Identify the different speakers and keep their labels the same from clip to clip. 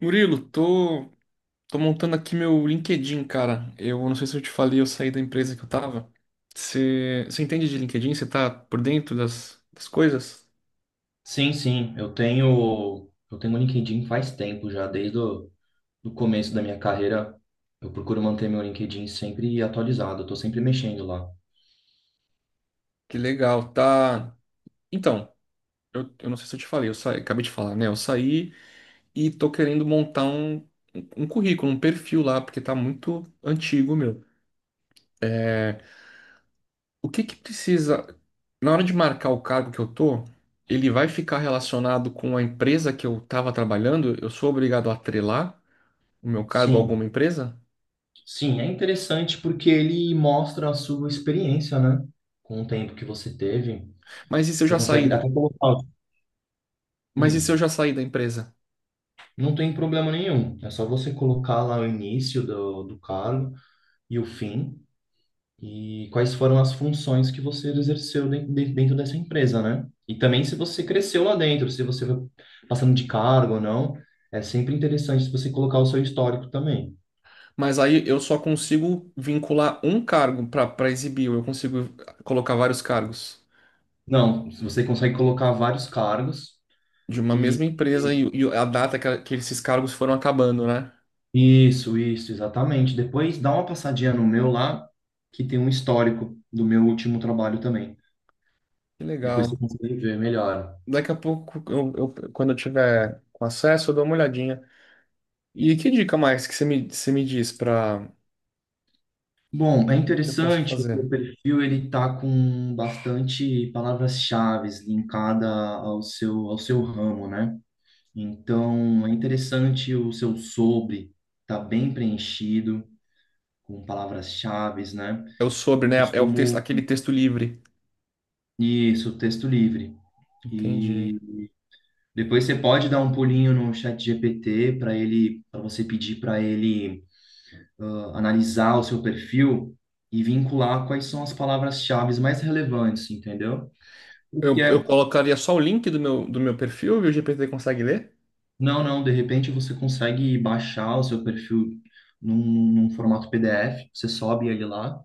Speaker 1: Murilo, tô montando aqui meu LinkedIn, cara. Eu não sei se eu te falei, eu saí da empresa que eu tava. Você entende de LinkedIn? Você tá por dentro das coisas?
Speaker 2: Sim, sim, eu tenho o LinkedIn faz tempo já, desde o do começo da minha carreira, eu procuro manter meu LinkedIn sempre atualizado, eu estou sempre mexendo lá.
Speaker 1: Que legal, tá? Então, eu não sei se eu te falei, eu saí, acabei de falar, né? Eu saí e tô querendo montar um currículo, um perfil lá, porque tá muito antigo, meu. O que que precisa, na hora de marcar o cargo que eu tô, ele vai ficar relacionado com a empresa que eu tava trabalhando? Eu sou obrigado a atrelar o meu cargo a
Speaker 2: Sim,
Speaker 1: alguma empresa?
Speaker 2: sim, é interessante porque ele mostra a sua experiência, né? Com o tempo que você teve,
Speaker 1: Mas e se eu
Speaker 2: você
Speaker 1: já
Speaker 2: consegue
Speaker 1: saí?
Speaker 2: até colocar.
Speaker 1: Mas e se eu
Speaker 2: Hum,
Speaker 1: já saí da empresa?
Speaker 2: não tem problema nenhum, é só você colocar lá o início do cargo e o fim. E quais foram as funções que você exerceu dentro dessa empresa, né? E também se você cresceu lá dentro, se você foi passando de cargo ou não, é sempre interessante se você colocar o seu histórico também.
Speaker 1: Mas aí eu só consigo vincular um cargo para exibir, eu consigo colocar vários cargos
Speaker 2: Não, se você consegue colocar vários cargos
Speaker 1: de uma
Speaker 2: e
Speaker 1: mesma empresa
Speaker 2: e-
Speaker 1: e, a data que esses cargos foram acabando, né?
Speaker 2: isso, isso, exatamente. Depois dá uma passadinha no meu lá, que tem um histórico do meu último trabalho também.
Speaker 1: Que
Speaker 2: Depois
Speaker 1: legal.
Speaker 2: você consegue ver melhor.
Speaker 1: Daqui a pouco, quando eu tiver com acesso, eu dou uma olhadinha. E que dica mais que você me diz para
Speaker 2: Bom, é
Speaker 1: eu posso
Speaker 2: interessante que
Speaker 1: fazer?
Speaker 2: o perfil ele está com bastante palavras-chaves linkada ao seu ramo, né? Então, é interessante o seu sobre tá bem preenchido com palavras-chaves, né?
Speaker 1: É o sobre,
Speaker 2: Eu
Speaker 1: né? É o texto,
Speaker 2: costumo
Speaker 1: aquele texto livre.
Speaker 2: isso, texto livre.
Speaker 1: Entendi.
Speaker 2: E depois você pode dar um pulinho no chat GPT para você pedir para ele analisar o seu perfil e vincular quais são as palavras-chaves mais relevantes, entendeu? O
Speaker 1: Eu,
Speaker 2: que
Speaker 1: eu
Speaker 2: é?
Speaker 1: colocaria só o link do meu perfil e o GPT consegue ler?
Speaker 2: Não, não, de repente você consegue baixar o seu perfil num formato PDF, você sobe ele lá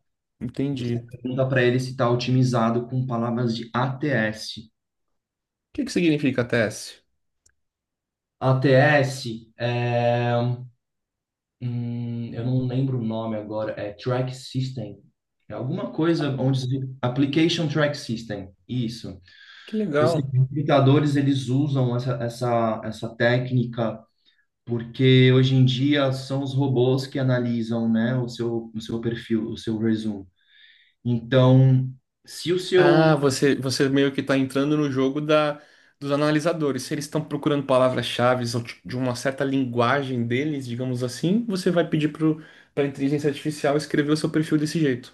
Speaker 2: e
Speaker 1: Entendi.
Speaker 2: você
Speaker 1: O
Speaker 2: pergunta para ele se está otimizado com palavras de ATS.
Speaker 1: que que significa TS?
Speaker 2: ATS é. Eu não lembro o nome agora, é Track System. É alguma coisa onde. Application Track System. Isso.
Speaker 1: Que
Speaker 2: Os
Speaker 1: legal.
Speaker 2: recrutadores, eles usam essa técnica porque hoje em dia são os robôs que analisam, né, o seu perfil, o seu resumo. Então, se o
Speaker 1: Ah,
Speaker 2: seu...
Speaker 1: você meio que está entrando no jogo dos analisadores. Se eles estão procurando palavras-chave ou de uma certa linguagem deles, digamos assim, você vai pedir para a inteligência artificial escrever o seu perfil desse jeito.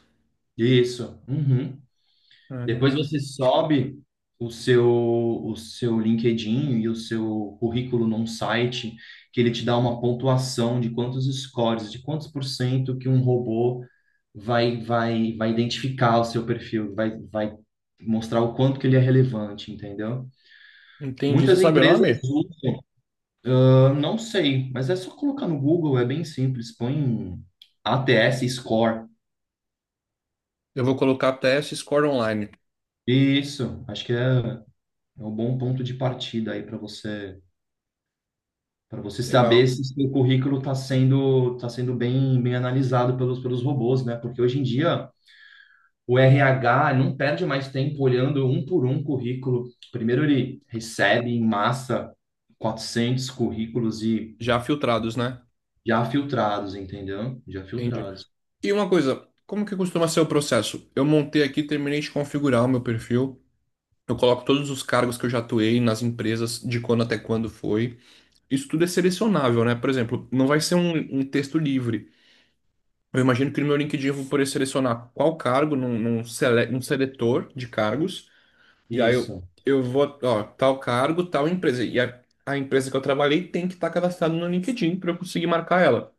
Speaker 2: Isso. Uhum. Depois
Speaker 1: Ah,
Speaker 2: você sobe o seu, o seu LinkedIn e o seu currículo num site que ele te dá uma pontuação de quantos scores, de quantos por cento que um robô vai identificar o seu perfil, vai mostrar o quanto que ele é relevante, entendeu?
Speaker 1: entendi. Você
Speaker 2: Muitas
Speaker 1: sabe o
Speaker 2: empresas
Speaker 1: nome?
Speaker 2: eu não sei, mas é só colocar no Google, é bem simples. Põe ATS Score.
Speaker 1: Eu vou colocar TS Score Online.
Speaker 2: Isso, acho que é, é um bom ponto de partida aí para você
Speaker 1: Legal.
Speaker 2: saber se seu currículo está sendo, tá sendo bem, bem analisado pelos, pelos robôs, né? Porque hoje em dia o RH não perde mais tempo olhando um por um currículo. Primeiro ele recebe em massa 400 currículos e
Speaker 1: Já filtrados, né?
Speaker 2: já filtrados, entendeu? Já
Speaker 1: Entendi.
Speaker 2: filtrados.
Speaker 1: E uma coisa, como que costuma ser o processo? Eu montei aqui, terminei de configurar o meu perfil. Eu coloco todos os cargos que eu já atuei nas empresas, de quando até quando foi. Isso tudo é selecionável, né? Por exemplo, não vai ser um texto livre. Eu imagino que no meu LinkedIn eu vou poder selecionar qual cargo um seletor de cargos. E aí
Speaker 2: Isso,
Speaker 1: eu vou, ó, tal cargo, tal empresa. E a empresa que eu trabalhei tem que estar cadastrada no LinkedIn para eu conseguir marcar ela.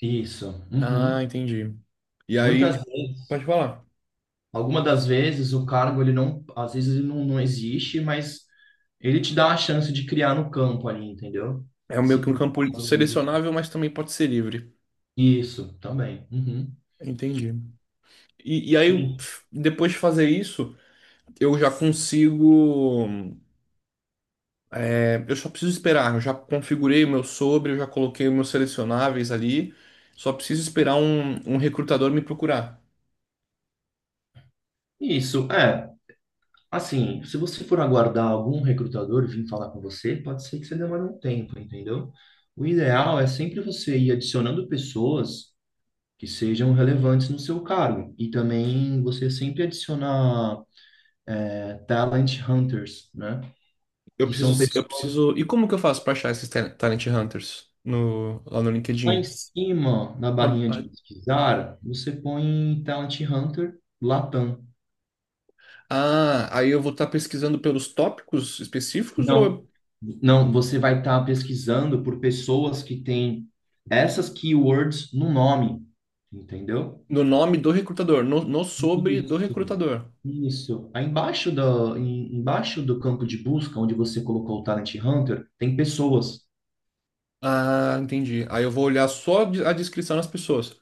Speaker 2: isso.
Speaker 1: Ah,
Speaker 2: Uhum.
Speaker 1: entendi. E aí,
Speaker 2: Muitas vezes,
Speaker 1: pode falar.
Speaker 2: alguma das vezes, o cargo ele não, às vezes ele não, não existe, mas ele te dá a chance de criar no campo ali, entendeu?
Speaker 1: É meio
Speaker 2: Se
Speaker 1: que um
Speaker 2: por
Speaker 1: campo
Speaker 2: acaso não existir.
Speaker 1: selecionável, mas também pode ser livre.
Speaker 2: Isso, também. Uhum.
Speaker 1: Entendi. E aí,
Speaker 2: Sim.
Speaker 1: pf, depois de fazer isso, eu já consigo. É, eu só preciso esperar. Eu já configurei o meu sobre, eu já coloquei os meus selecionáveis ali. Só preciso esperar um recrutador me procurar.
Speaker 2: Isso, é. Assim, se você for aguardar algum recrutador vir falar com você, pode ser que você demore um tempo, entendeu? O ideal é sempre você ir adicionando pessoas que sejam relevantes no seu cargo. E também você sempre adicionar é, talent hunters, né?
Speaker 1: Eu
Speaker 2: Que
Speaker 1: preciso,
Speaker 2: são
Speaker 1: eu
Speaker 2: pessoas
Speaker 1: preciso. E como que eu faço para achar esses Talent Hunters lá no
Speaker 2: lá em
Speaker 1: LinkedIn?
Speaker 2: cima na barrinha de
Speaker 1: Ah,
Speaker 2: pesquisar, você põe Talent Hunter Latam.
Speaker 1: aí eu vou estar pesquisando pelos tópicos específicos ou
Speaker 2: Não, não, você vai estar pesquisando por pessoas que têm essas keywords no nome, entendeu?
Speaker 1: no nome do recrutador? No sobre do
Speaker 2: Isso,
Speaker 1: recrutador?
Speaker 2: isso. Aí embaixo do, embaixo do campo de busca, onde você colocou o Talent Hunter, tem pessoas.
Speaker 1: Ah, entendi. Aí eu vou olhar a descrição das pessoas.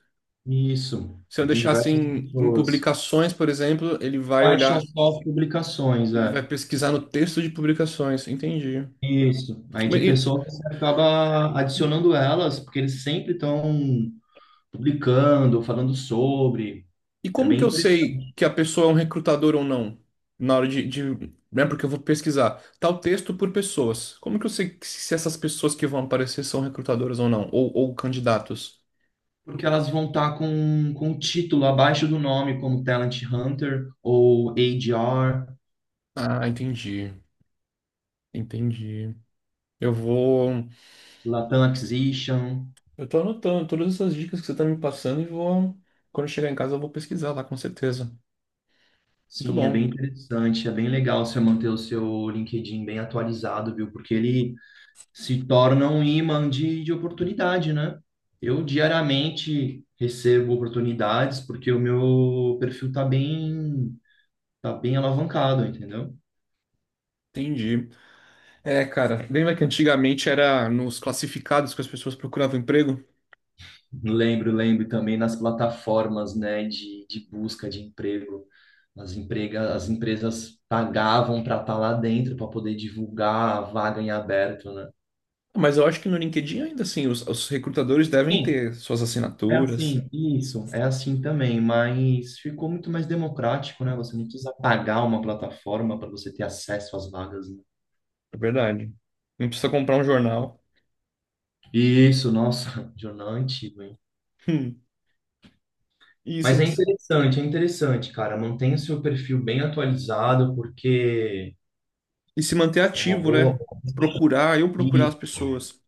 Speaker 2: Isso,
Speaker 1: Se eu
Speaker 2: aí tem
Speaker 1: deixar
Speaker 2: diversas
Speaker 1: assim em
Speaker 2: pessoas.
Speaker 1: publicações, por exemplo,
Speaker 2: Quais são as suas publicações,
Speaker 1: ele vai
Speaker 2: é?
Speaker 1: pesquisar no texto de publicações. Entendi.
Speaker 2: Isso. Aí de
Speaker 1: Mas
Speaker 2: pessoa você acaba adicionando elas, porque eles sempre estão publicando, falando sobre.
Speaker 1: e
Speaker 2: É
Speaker 1: como que
Speaker 2: bem
Speaker 1: eu sei
Speaker 2: interessante.
Speaker 1: que a pessoa é um recrutador ou não? Na hora né? Porque eu vou pesquisar tal texto por pessoas. Como que eu sei se essas pessoas que vão aparecer são recrutadoras ou não? Ou candidatos?
Speaker 2: Porque elas vão estar com o título abaixo do nome, como Talent Hunter ou ADR,
Speaker 1: Ah, entendi. Entendi. Eu vou.
Speaker 2: Latam Acquisition.
Speaker 1: Eu tô anotando todas essas dicas que você tá me passando e vou. Quando eu chegar em casa, eu vou pesquisar lá, com certeza. Muito
Speaker 2: Sim, é
Speaker 1: bom.
Speaker 2: bem interessante, é bem legal você manter o seu LinkedIn bem atualizado, viu? Porque ele se torna um imã de oportunidade, né? Eu diariamente recebo oportunidades porque o meu perfil tá bem alavancado, entendeu?
Speaker 1: Entendi. É, cara, lembra que antigamente era nos classificados que as pessoas procuravam emprego?
Speaker 2: Lembro, lembro também nas plataformas, né, de busca de emprego. As, emprega, as empresas pagavam para estar lá dentro, para poder divulgar a vaga em aberto, né?
Speaker 1: Mas eu acho que no LinkedIn ainda assim, os recrutadores devem
Speaker 2: Sim,
Speaker 1: ter suas
Speaker 2: é
Speaker 1: assinaturas.
Speaker 2: assim, isso, é assim também, mas ficou muito mais democrático, né? Você não precisa pagar uma plataforma para você ter acesso às vagas, né?
Speaker 1: É verdade. Não precisa comprar um jornal.
Speaker 2: Isso, nossa, jornal antigo, hein?
Speaker 1: Hum. E,
Speaker 2: Mas
Speaker 1: se-
Speaker 2: é interessante, cara. Mantenha o seu perfil bem atualizado, porque
Speaker 1: e se manter
Speaker 2: é uma
Speaker 1: ativo,
Speaker 2: boa
Speaker 1: né? Procurar, eu
Speaker 2: e
Speaker 1: procurar as pessoas.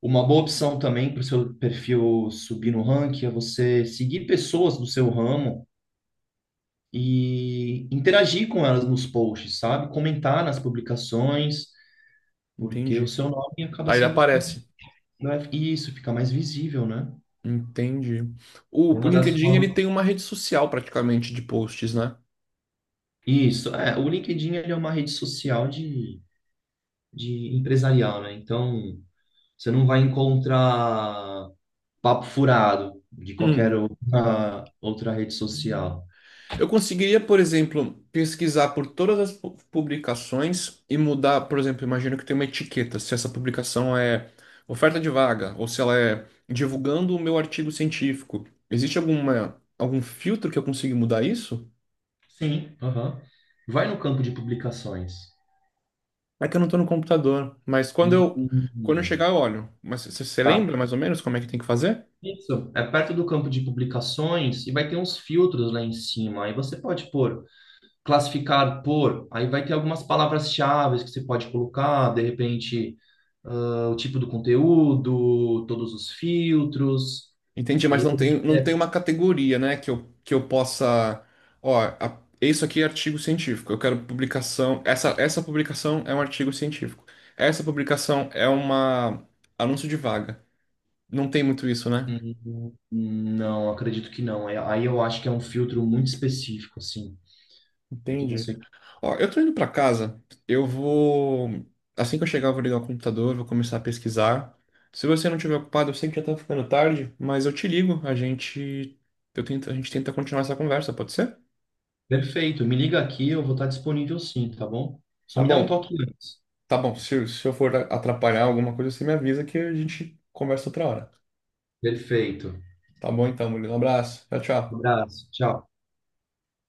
Speaker 2: uma boa opção também para o seu perfil subir no ranking é você seguir pessoas do seu ramo e interagir com elas nos posts, sabe? Comentar nas publicações. Porque o
Speaker 1: Entendi.
Speaker 2: seu nome acaba
Speaker 1: Aí ele
Speaker 2: sendo ficando,
Speaker 1: aparece.
Speaker 2: não é, isso, fica mais visível, né?
Speaker 1: Entendi. O
Speaker 2: É uma das
Speaker 1: LinkedIn ele
Speaker 2: formas.
Speaker 1: tem uma rede social praticamente de posts, né?
Speaker 2: Isso, é, o LinkedIn ele é uma rede social de empresarial, né? Então, você não vai encontrar papo furado de qualquer
Speaker 1: Hum.
Speaker 2: outra, outra rede social.
Speaker 1: Eu conseguiria, por exemplo, pesquisar por todas as publicações e mudar, por exemplo, imagino que tem uma etiqueta, se essa publicação é oferta de vaga ou se ela é divulgando o meu artigo científico. Existe alguma algum filtro que eu consiga mudar isso?
Speaker 2: Sim, aham. Vai no campo de publicações.
Speaker 1: É que eu não estou no computador, mas
Speaker 2: Hum, hum,
Speaker 1: quando eu
Speaker 2: hum.
Speaker 1: chegar eu olho. Mas você
Speaker 2: Tá.
Speaker 1: lembra mais ou menos como é que tem que fazer?
Speaker 2: Isso, é perto do campo de publicações e vai ter uns filtros lá em cima. Aí você pode pôr classificar por, aí vai ter algumas palavras-chave que você pode colocar, de repente, ah, o tipo do conteúdo, todos os filtros,
Speaker 1: Entendi,
Speaker 2: de
Speaker 1: mas não tem,
Speaker 2: repente,
Speaker 1: não
Speaker 2: é,
Speaker 1: tem uma categoria, né, que que eu possa. Ó, isso aqui é artigo científico. Eu quero publicação. Essa publicação é um artigo científico. Essa publicação é uma anúncio de vaga. Não tem muito isso, né?
Speaker 2: não, acredito que não. Aí eu acho que é um filtro muito específico, assim, porque
Speaker 1: Entendi.
Speaker 2: você...
Speaker 1: Ó, eu tô indo pra casa. Eu vou. Assim que eu chegar, eu vou ligar o computador, vou começar a pesquisar. Se você não estiver ocupado, eu sei que já tá ficando tarde, mas eu te ligo. A gente, eu tento, a gente tenta continuar essa conversa, pode ser?
Speaker 2: Perfeito, me liga aqui, eu vou estar disponível sim, tá bom? Só
Speaker 1: Tá
Speaker 2: me dá um
Speaker 1: bom.
Speaker 2: toque antes.
Speaker 1: Tá bom, se eu for atrapalhar alguma coisa, você me avisa que a gente conversa outra hora.
Speaker 2: Perfeito.
Speaker 1: Tá bom então, Murilo. Um abraço. Tchau,
Speaker 2: Um
Speaker 1: tchau.
Speaker 2: abraço, tchau.